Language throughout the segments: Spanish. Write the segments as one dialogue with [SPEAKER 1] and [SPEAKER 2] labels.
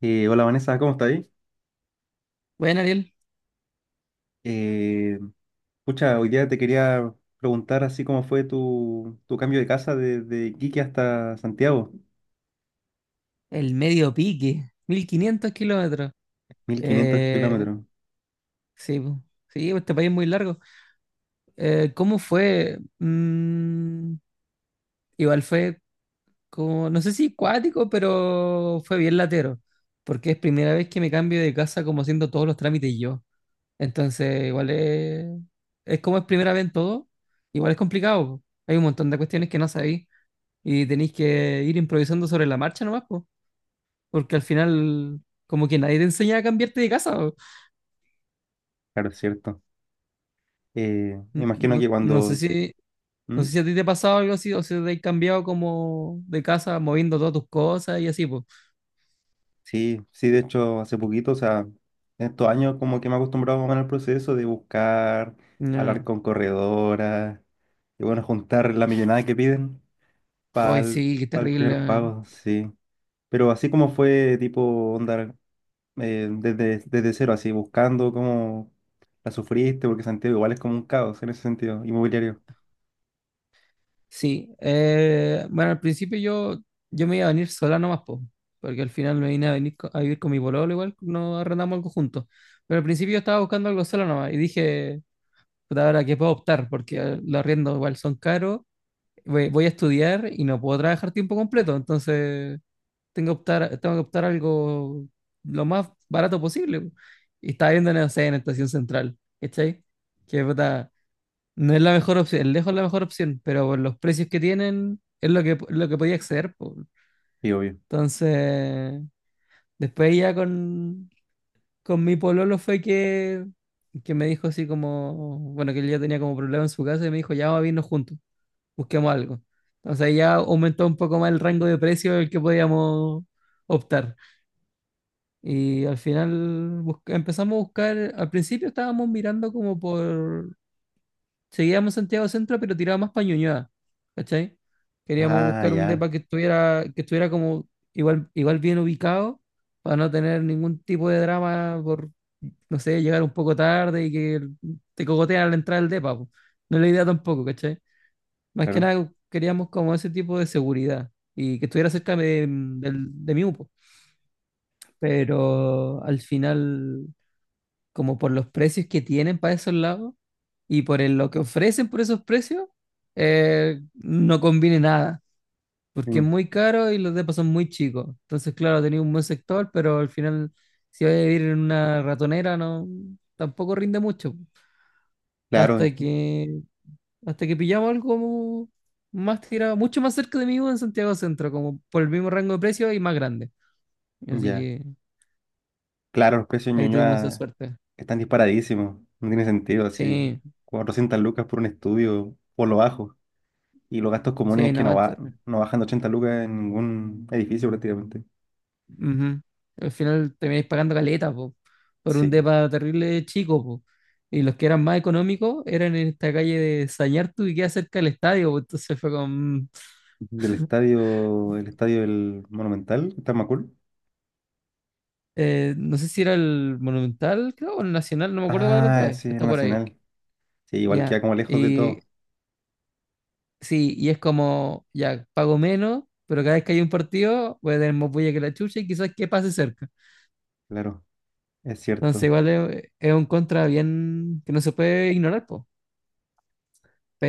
[SPEAKER 1] Hola, Vanessa, ¿cómo estás ahí?
[SPEAKER 2] Bueno, Ariel,
[SPEAKER 1] Eh, Pucha, hoy día te quería preguntar así cómo fue tu cambio de casa desde Iquique hasta Santiago,
[SPEAKER 2] el medio pique, 1.500 kilómetros.
[SPEAKER 1] mil quinientos
[SPEAKER 2] Eh,
[SPEAKER 1] kilómetros,
[SPEAKER 2] sí, po. Sí, pues, este país es muy largo. ¿Cómo fue? Igual fue como, no sé si cuático, pero fue bien latero, porque es primera vez que me cambio de casa como haciendo todos los trámites yo. Entonces, igual es como es primera vez en todo, igual es complicado, po. Hay un montón de cuestiones que no sabéis y tenéis que ir improvisando sobre la marcha nomás, pues. Porque al final, como que nadie te enseña a cambiarte de casa.
[SPEAKER 1] Claro, es cierto. Me imagino
[SPEAKER 2] No,
[SPEAKER 1] que
[SPEAKER 2] no sé
[SPEAKER 1] cuando...
[SPEAKER 2] si, no
[SPEAKER 1] ¿Mm?
[SPEAKER 2] sé si a ti te ha pasado algo así, o si te has cambiado como de casa, moviendo todas tus cosas y así, pues.
[SPEAKER 1] Sí, sí, de hecho hace poquito, o sea, en estos años como que me he acostumbrado más o menos al proceso de buscar, hablar
[SPEAKER 2] No.
[SPEAKER 1] con corredoras, y bueno, juntar la millonada que piden para
[SPEAKER 2] Ay, sí, qué terrible.
[SPEAKER 1] primer pago, sí. Pero así como fue tipo onda desde cero, así, buscando cómo la sufriste, porque Santiago igual es como un caos en ese sentido, inmobiliario.
[SPEAKER 2] Sí. Bueno, al principio yo me iba a venir sola nomás, pues. Porque al final me vine a venir a vivir con mi pololo, igual no arrendamos algo juntos. Pero al principio yo estaba buscando algo sola nomás y dije, puta, ahora que puedo optar, porque los arriendos igual son caros, voy a estudiar y no puedo trabajar tiempo completo, entonces tengo que optar algo lo más barato posible. Y estaba viendo, no sé, en Estación Central, ¿cachai? Que puta, no es la mejor opción, lejos la mejor opción, pero por los precios que tienen es lo que podía acceder, po.
[SPEAKER 1] Y obvio.
[SPEAKER 2] Entonces, después ya con mi pololo fue que me dijo así como, bueno, que él ya tenía como problema en su casa y me dijo, ya vamos a irnos juntos, busquemos algo. Entonces ahí ya aumentó un poco más el rango de precio del que podíamos optar. Y al final empezamos a buscar, al principio estábamos mirando como por, seguíamos Santiago Centro, pero tiraba más para Ñuñoa, ¿cachai? Queríamos
[SPEAKER 1] Ah,
[SPEAKER 2] buscar un
[SPEAKER 1] ya,
[SPEAKER 2] depa que estuviera como igual bien ubicado, para no tener ningún tipo de drama por, no sé, llegar un poco tarde y que te cogotean al entrar al depa, po. No es la idea tampoco, ¿cachai? Más que
[SPEAKER 1] claro.
[SPEAKER 2] nada queríamos como ese tipo de seguridad y que estuviera cerca de, de mi UPO. Pero al final, como por los precios que tienen para esos lados y por lo que ofrecen por esos precios, no conviene nada, porque es
[SPEAKER 1] Mm,
[SPEAKER 2] muy caro y los depas son muy chicos. Entonces, claro, tenía un buen sector, pero al final, si vas a vivir en una ratonera, no, tampoco rinde mucho.
[SPEAKER 1] claro,
[SPEAKER 2] Hasta que Hasta que pillaba algo como más tirado, mucho más cerca de mí en Santiago Centro, como por el mismo rango de precio y más grande. Así
[SPEAKER 1] ya.
[SPEAKER 2] que
[SPEAKER 1] Claro, los precios de
[SPEAKER 2] ahí tuvimos esa
[SPEAKER 1] Ñuñoa
[SPEAKER 2] suerte.
[SPEAKER 1] están disparadísimos. No tiene sentido, así.
[SPEAKER 2] Sí,
[SPEAKER 1] 400 lucas por un estudio, por lo bajo. Y los gastos comunes
[SPEAKER 2] sí,
[SPEAKER 1] que no,
[SPEAKER 2] no.
[SPEAKER 1] va, no bajan de 80 lucas en ningún edificio prácticamente.
[SPEAKER 2] Ujú. Al final termináis pagando caleta, po, por un
[SPEAKER 1] Sí.
[SPEAKER 2] depa terrible chico, po. Y los que eran más económicos eran en esta calle de Sañartu y queda cerca del estadio, po. Entonces
[SPEAKER 1] Del estadio, el estadio del Monumental, está en Macul.
[SPEAKER 2] no sé si era el Monumental, creo, o el Nacional, no me acuerdo cuál de los dos
[SPEAKER 1] Ah,
[SPEAKER 2] es, que
[SPEAKER 1] sí, el
[SPEAKER 2] está por ahí.
[SPEAKER 1] Nacional. Sí, igual
[SPEAKER 2] Ya.
[SPEAKER 1] queda como lejos de
[SPEAKER 2] Y
[SPEAKER 1] todo,
[SPEAKER 2] Sí, y es como, ya, pago menos, pero cada vez que hay un partido voy a tener más bulla que la chucha y quizás que pase cerca.
[SPEAKER 1] claro, es
[SPEAKER 2] Entonces
[SPEAKER 1] cierto.
[SPEAKER 2] igual es un contra bien que no se puede ignorar, po.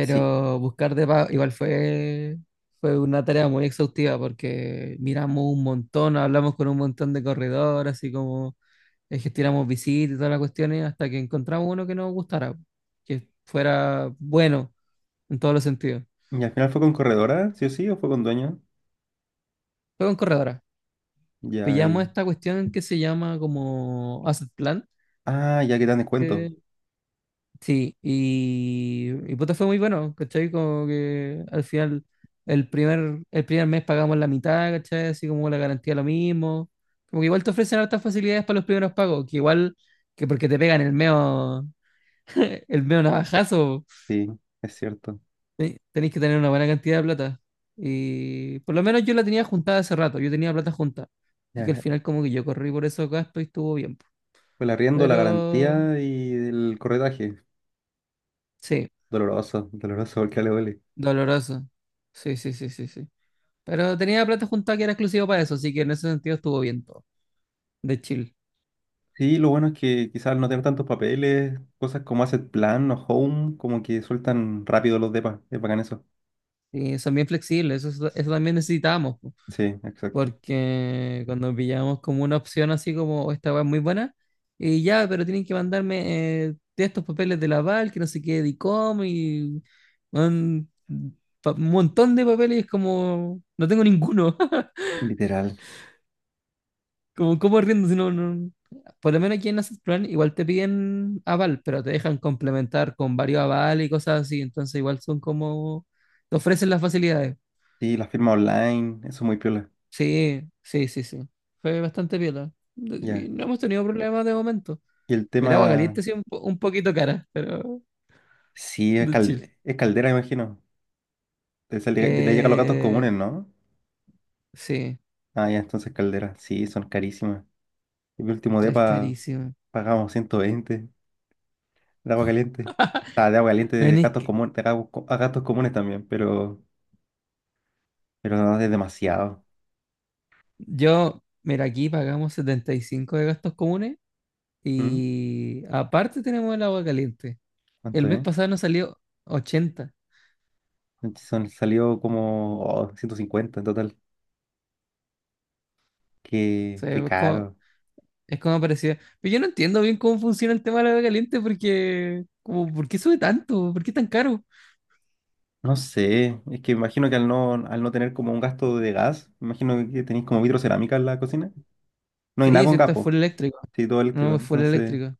[SPEAKER 1] Sí.
[SPEAKER 2] buscar igual fue una tarea muy exhaustiva porque miramos un montón, hablamos con un montón de corredores, así como gestionamos visitas y todas las cuestiones hasta que encontramos uno que nos gustara, que fuera bueno en todos los sentidos.
[SPEAKER 1] ¿Y al final fue con corredora, sí o sí, o fue con dueño?
[SPEAKER 2] Fue con corredora.
[SPEAKER 1] Ya,
[SPEAKER 2] Pillamos
[SPEAKER 1] y...
[SPEAKER 2] esta cuestión que se llama como Asset Plan.
[SPEAKER 1] Ah, ya que dan descuento.
[SPEAKER 2] que- sí, y puta, fue muy bueno, ¿cachai? Como que al final, el primer mes pagamos la mitad, ¿cachai? Así como la garantía lo mismo. Como que igual te ofrecen hartas facilidades para los primeros pagos, que igual que porque te pegan el meo, el meo navajazo,
[SPEAKER 1] Sí, es cierto.
[SPEAKER 2] tenés que tener una buena cantidad de plata. Y por lo menos yo la tenía juntada hace rato, yo tenía plata junta. Así que al
[SPEAKER 1] Ya.
[SPEAKER 2] final como que yo corrí por esos gastos y estuvo bien.
[SPEAKER 1] Fue el arriendo, la
[SPEAKER 2] Pero
[SPEAKER 1] garantía y el corredaje.
[SPEAKER 2] Sí,
[SPEAKER 1] Doloroso, doloroso porque le duele.
[SPEAKER 2] doloroso. Sí, sí, sí, sí, sí. Pero tenía plata juntada que era exclusivo para eso, así que en ese sentido estuvo bien todo, de chill.
[SPEAKER 1] Sí, lo bueno es que quizás al no tener tantos papeles, cosas como Asset Plan o Home, como que sueltan rápido los depas. Es bacán eso.
[SPEAKER 2] Y son bien flexibles, eso, eso también necesitamos, po,
[SPEAKER 1] Sí, exacto.
[SPEAKER 2] porque cuando pillamos como una opción así como "Oh, esta weá es muy buena", y ya, pero tienen que mandarme de estos papeles de la Val, que no sé qué, de ICOM, y un, un montón de papeles, como no tengo ninguno.
[SPEAKER 1] Literal.
[SPEAKER 2] Como, ¿cómo riendo? Si no, por lo menos aquí en Asset Plan igual te piden aval, pero te dejan complementar con varios avales y cosas así. Entonces igual son como, te ofrecen las facilidades.
[SPEAKER 1] Sí, la firma online, eso es muy piola.
[SPEAKER 2] Sí, sí, sí, sí. Fue bastante piola. Y
[SPEAKER 1] Ya.
[SPEAKER 2] no hemos tenido problemas de momento.
[SPEAKER 1] Y el
[SPEAKER 2] El agua
[SPEAKER 1] tema.
[SPEAKER 2] caliente sí un poquito cara, pero
[SPEAKER 1] Sí, es,
[SPEAKER 2] de chill.
[SPEAKER 1] es caldera, imagino. Le llega a los gatos
[SPEAKER 2] Eh,
[SPEAKER 1] comunes, ¿no?
[SPEAKER 2] sí,
[SPEAKER 1] Ah, ya, entonces caldera. Sí, son carísimas. En mi último
[SPEAKER 2] es
[SPEAKER 1] depa
[SPEAKER 2] carísimo.
[SPEAKER 1] pagamos 120 de agua caliente. Ah, de agua caliente de
[SPEAKER 2] Bueno, es
[SPEAKER 1] gatos
[SPEAKER 2] que
[SPEAKER 1] comunes, de a gatos comunes también, pero no es demasiado.
[SPEAKER 2] yo, mira, aquí pagamos 75 de gastos comunes
[SPEAKER 1] ¿Mm?
[SPEAKER 2] y aparte tenemos el agua caliente.
[SPEAKER 1] ¿Cuánto
[SPEAKER 2] El mes
[SPEAKER 1] es?
[SPEAKER 2] pasado nos salió 80.
[SPEAKER 1] Son, salió como oh, 150 en total.
[SPEAKER 2] O
[SPEAKER 1] Qué,
[SPEAKER 2] sea,
[SPEAKER 1] qué
[SPEAKER 2] es como,
[SPEAKER 1] caro.
[SPEAKER 2] es como parecía. Pero yo no entiendo bien cómo funciona el tema de la agua caliente porque, como, ¿por qué sube tanto? ¿Por qué tan caro?
[SPEAKER 1] No sé, es que imagino que al no tener como un gasto de gas, imagino que tenéis como vitrocerámica en la cocina. No hay nada
[SPEAKER 2] Sí, sí,
[SPEAKER 1] con gas,
[SPEAKER 2] esto es full eléctrico.
[SPEAKER 1] sí, todo eléctrico.
[SPEAKER 2] No, es full
[SPEAKER 1] Entonces,
[SPEAKER 2] eléctrico.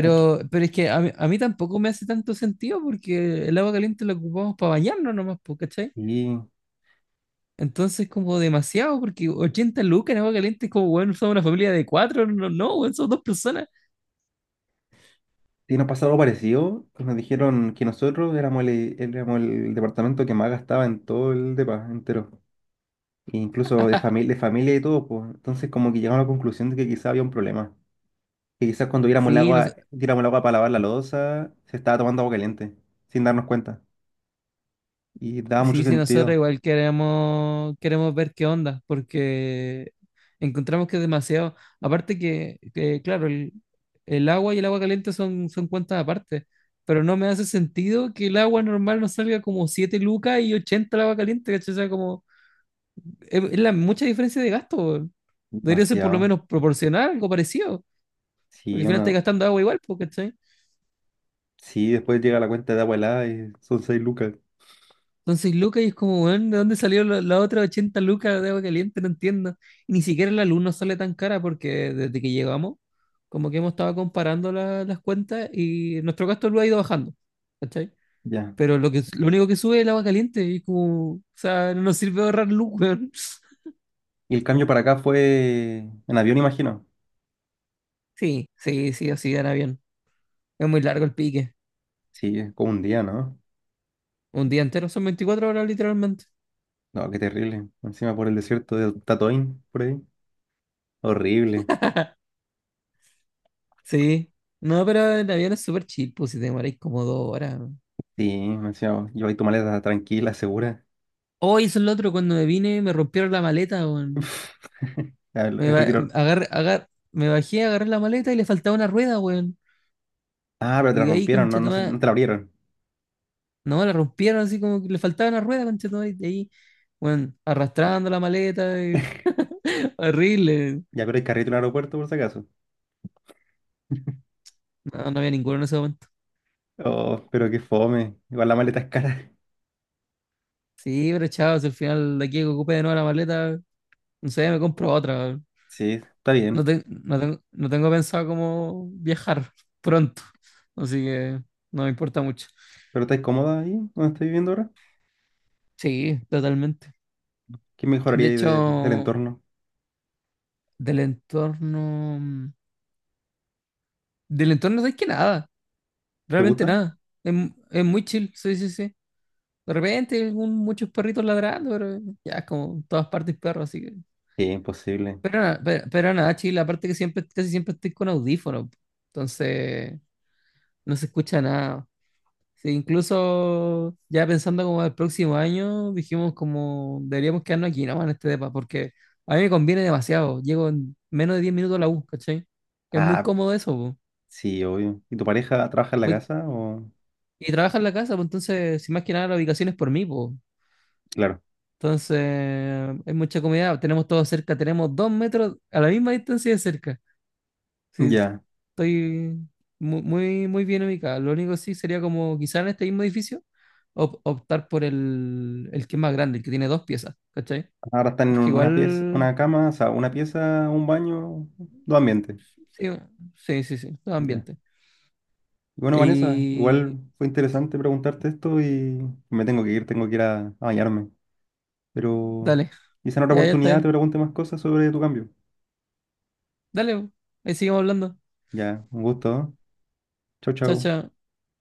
[SPEAKER 1] aquí.
[SPEAKER 2] pero es que a mí tampoco me hace tanto sentido porque el agua caliente la ocupamos para bañarnos nomás, po, ¿cachai?
[SPEAKER 1] Y,
[SPEAKER 2] Entonces, como demasiado, porque 80 lucas en agua caliente es como, bueno, somos una familia de cuatro, no, no, weón, somos dos personas.
[SPEAKER 1] y nos pasó algo parecido, que nos dijeron que nosotros éramos el departamento que más gastaba en todo el depa entero. E incluso de familia y todo, pues. Entonces, como que llegamos a la conclusión de que quizá había un problema. Que quizás cuando diéramos el
[SPEAKER 2] Sí, no.
[SPEAKER 1] agua, tiramos el agua para lavar la loza, se estaba tomando agua caliente, sin darnos cuenta. Y daba mucho
[SPEAKER 2] Sí, sí, nosotros
[SPEAKER 1] sentido.
[SPEAKER 2] igual queremos ver qué onda, porque encontramos que es demasiado. Aparte que, claro, el agua y el agua caliente son cuentas aparte, pero no me hace sentido que el agua normal nos salga como 7 lucas y 80 el agua caliente, ¿cachai? O sea, como, es la mucha diferencia de gasto, weón. Debería ser por lo
[SPEAKER 1] Demasiado.
[SPEAKER 2] menos proporcional, algo parecido, porque al
[SPEAKER 1] Sí,
[SPEAKER 2] final estás
[SPEAKER 1] uno,
[SPEAKER 2] gastando agua igual, pues, ¿cachai?
[SPEAKER 1] sí, después llega la cuenta de agua helada y son 6 lucas.
[SPEAKER 2] Entonces, 6 lucas y es como, weón, ¿de dónde salió las otras 80 lucas de agua caliente? No entiendo. Y ni siquiera la luz nos sale tan cara porque desde que llegamos, como que hemos estado comparando las cuentas y nuestro gasto lo ha ido bajando. ¿Cachai?
[SPEAKER 1] Ya.
[SPEAKER 2] Pero lo único que sube es el agua caliente y como, o sea, no nos sirve ahorrar luz, weón.
[SPEAKER 1] Y el cambio para acá fue en avión, imagino.
[SPEAKER 2] Sí, sí, sí, así era bien. Es muy largo el pique.
[SPEAKER 1] Sí, es como un día, ¿no?
[SPEAKER 2] Un día entero son 24 horas literalmente.
[SPEAKER 1] No, qué terrible. Encima por el desierto de Tatoín, por ahí. Horrible.
[SPEAKER 2] Sí. No, pero el avión es súper chill, pues si te demoráis como 2 horas.
[SPEAKER 1] Sí, encima lleváis tu maleta tranquila, segura.
[SPEAKER 2] Hoy eso es lo otro, cuando me vine me rompieron la maleta, weón.
[SPEAKER 1] A ver,
[SPEAKER 2] Me,
[SPEAKER 1] el
[SPEAKER 2] ba-
[SPEAKER 1] retiro.
[SPEAKER 2] agar- agar- me bajé, agarré la maleta y le faltaba una rueda, weón.
[SPEAKER 1] Ah, pero te
[SPEAKER 2] Y
[SPEAKER 1] la
[SPEAKER 2] de ahí,
[SPEAKER 1] rompieron, no
[SPEAKER 2] conchetumá,
[SPEAKER 1] te la abrieron.
[SPEAKER 2] no, la rompieron así como que le faltaba una rueda, conchetumá, y de ahí, weón, arrastrando la maleta, horrible.
[SPEAKER 1] Ya, pero hay carrito en el aeropuerto, por si acaso.
[SPEAKER 2] No, no había ninguno en ese momento.
[SPEAKER 1] Oh, pero qué fome. Igual la maleta es cara.
[SPEAKER 2] Sí, pero chao, si al final de aquí que ocupe de nuevo la maleta, no sé, me compro otra, weón.
[SPEAKER 1] Sí, está
[SPEAKER 2] No,
[SPEAKER 1] bien.
[SPEAKER 2] no, no tengo pensado cómo viajar pronto, así que no me importa mucho.
[SPEAKER 1] ¿Pero estás cómoda ahí donde estás viviendo ahora?
[SPEAKER 2] Sí, totalmente.
[SPEAKER 1] ¿Qué
[SPEAKER 2] De
[SPEAKER 1] mejoraría ahí del
[SPEAKER 2] hecho,
[SPEAKER 1] entorno?
[SPEAKER 2] del entorno. Del entorno no que nada,
[SPEAKER 1] ¿Te
[SPEAKER 2] realmente
[SPEAKER 1] gusta?
[SPEAKER 2] nada. Es muy chill, sí, sí, sí. De repente, muchos perritos ladrando, pero ya, como en todas partes perros, así que.
[SPEAKER 1] Sí, imposible.
[SPEAKER 2] Pero nada, chill, aparte que siempre, casi siempre estoy con audífonos, entonces no se escucha nada. Sí, incluso ya pensando como el próximo año, dijimos como deberíamos quedarnos aquí nomás en este depa, porque a mí me conviene demasiado. Llego en menos de 10 minutos a la U, ¿cachai? Es muy
[SPEAKER 1] Ah,
[SPEAKER 2] cómodo eso, po.
[SPEAKER 1] sí, obvio. ¿Y tu pareja trabaja en la
[SPEAKER 2] Voy-
[SPEAKER 1] casa o...?
[SPEAKER 2] Y trabaja en la casa, pues entonces, si más que nada la ubicación es por mí, pues.
[SPEAKER 1] Claro.
[SPEAKER 2] Entonces, es mucha comida, tenemos todo cerca, tenemos dos metros a la misma distancia de cerca. Sí,
[SPEAKER 1] Ya.
[SPEAKER 2] estoy muy, muy, bien ubicado. Lo único sí sería como quizá en este mismo edificio optar por el que es más grande, el que tiene dos piezas, ¿cachai?
[SPEAKER 1] Ahora están en
[SPEAKER 2] Porque
[SPEAKER 1] una pieza,
[SPEAKER 2] igual,
[SPEAKER 1] una cama, o sea, una pieza, un baño, dos ambientes.
[SPEAKER 2] sí, sí, sí, sí, todo
[SPEAKER 1] Ya.
[SPEAKER 2] ambiente.
[SPEAKER 1] Y bueno, Vanessa,
[SPEAKER 2] Y
[SPEAKER 1] igual fue interesante preguntarte esto y me tengo que ir a bañarme. Pero
[SPEAKER 2] dale,
[SPEAKER 1] quizá en otra
[SPEAKER 2] ya, ya está
[SPEAKER 1] oportunidad te
[SPEAKER 2] bien.
[SPEAKER 1] pregunte más cosas sobre tu cambio.
[SPEAKER 2] Dale, ahí seguimos hablando.
[SPEAKER 1] Ya, un gusto, ¿eh? Chau,
[SPEAKER 2] Chao,
[SPEAKER 1] chau.
[SPEAKER 2] chao.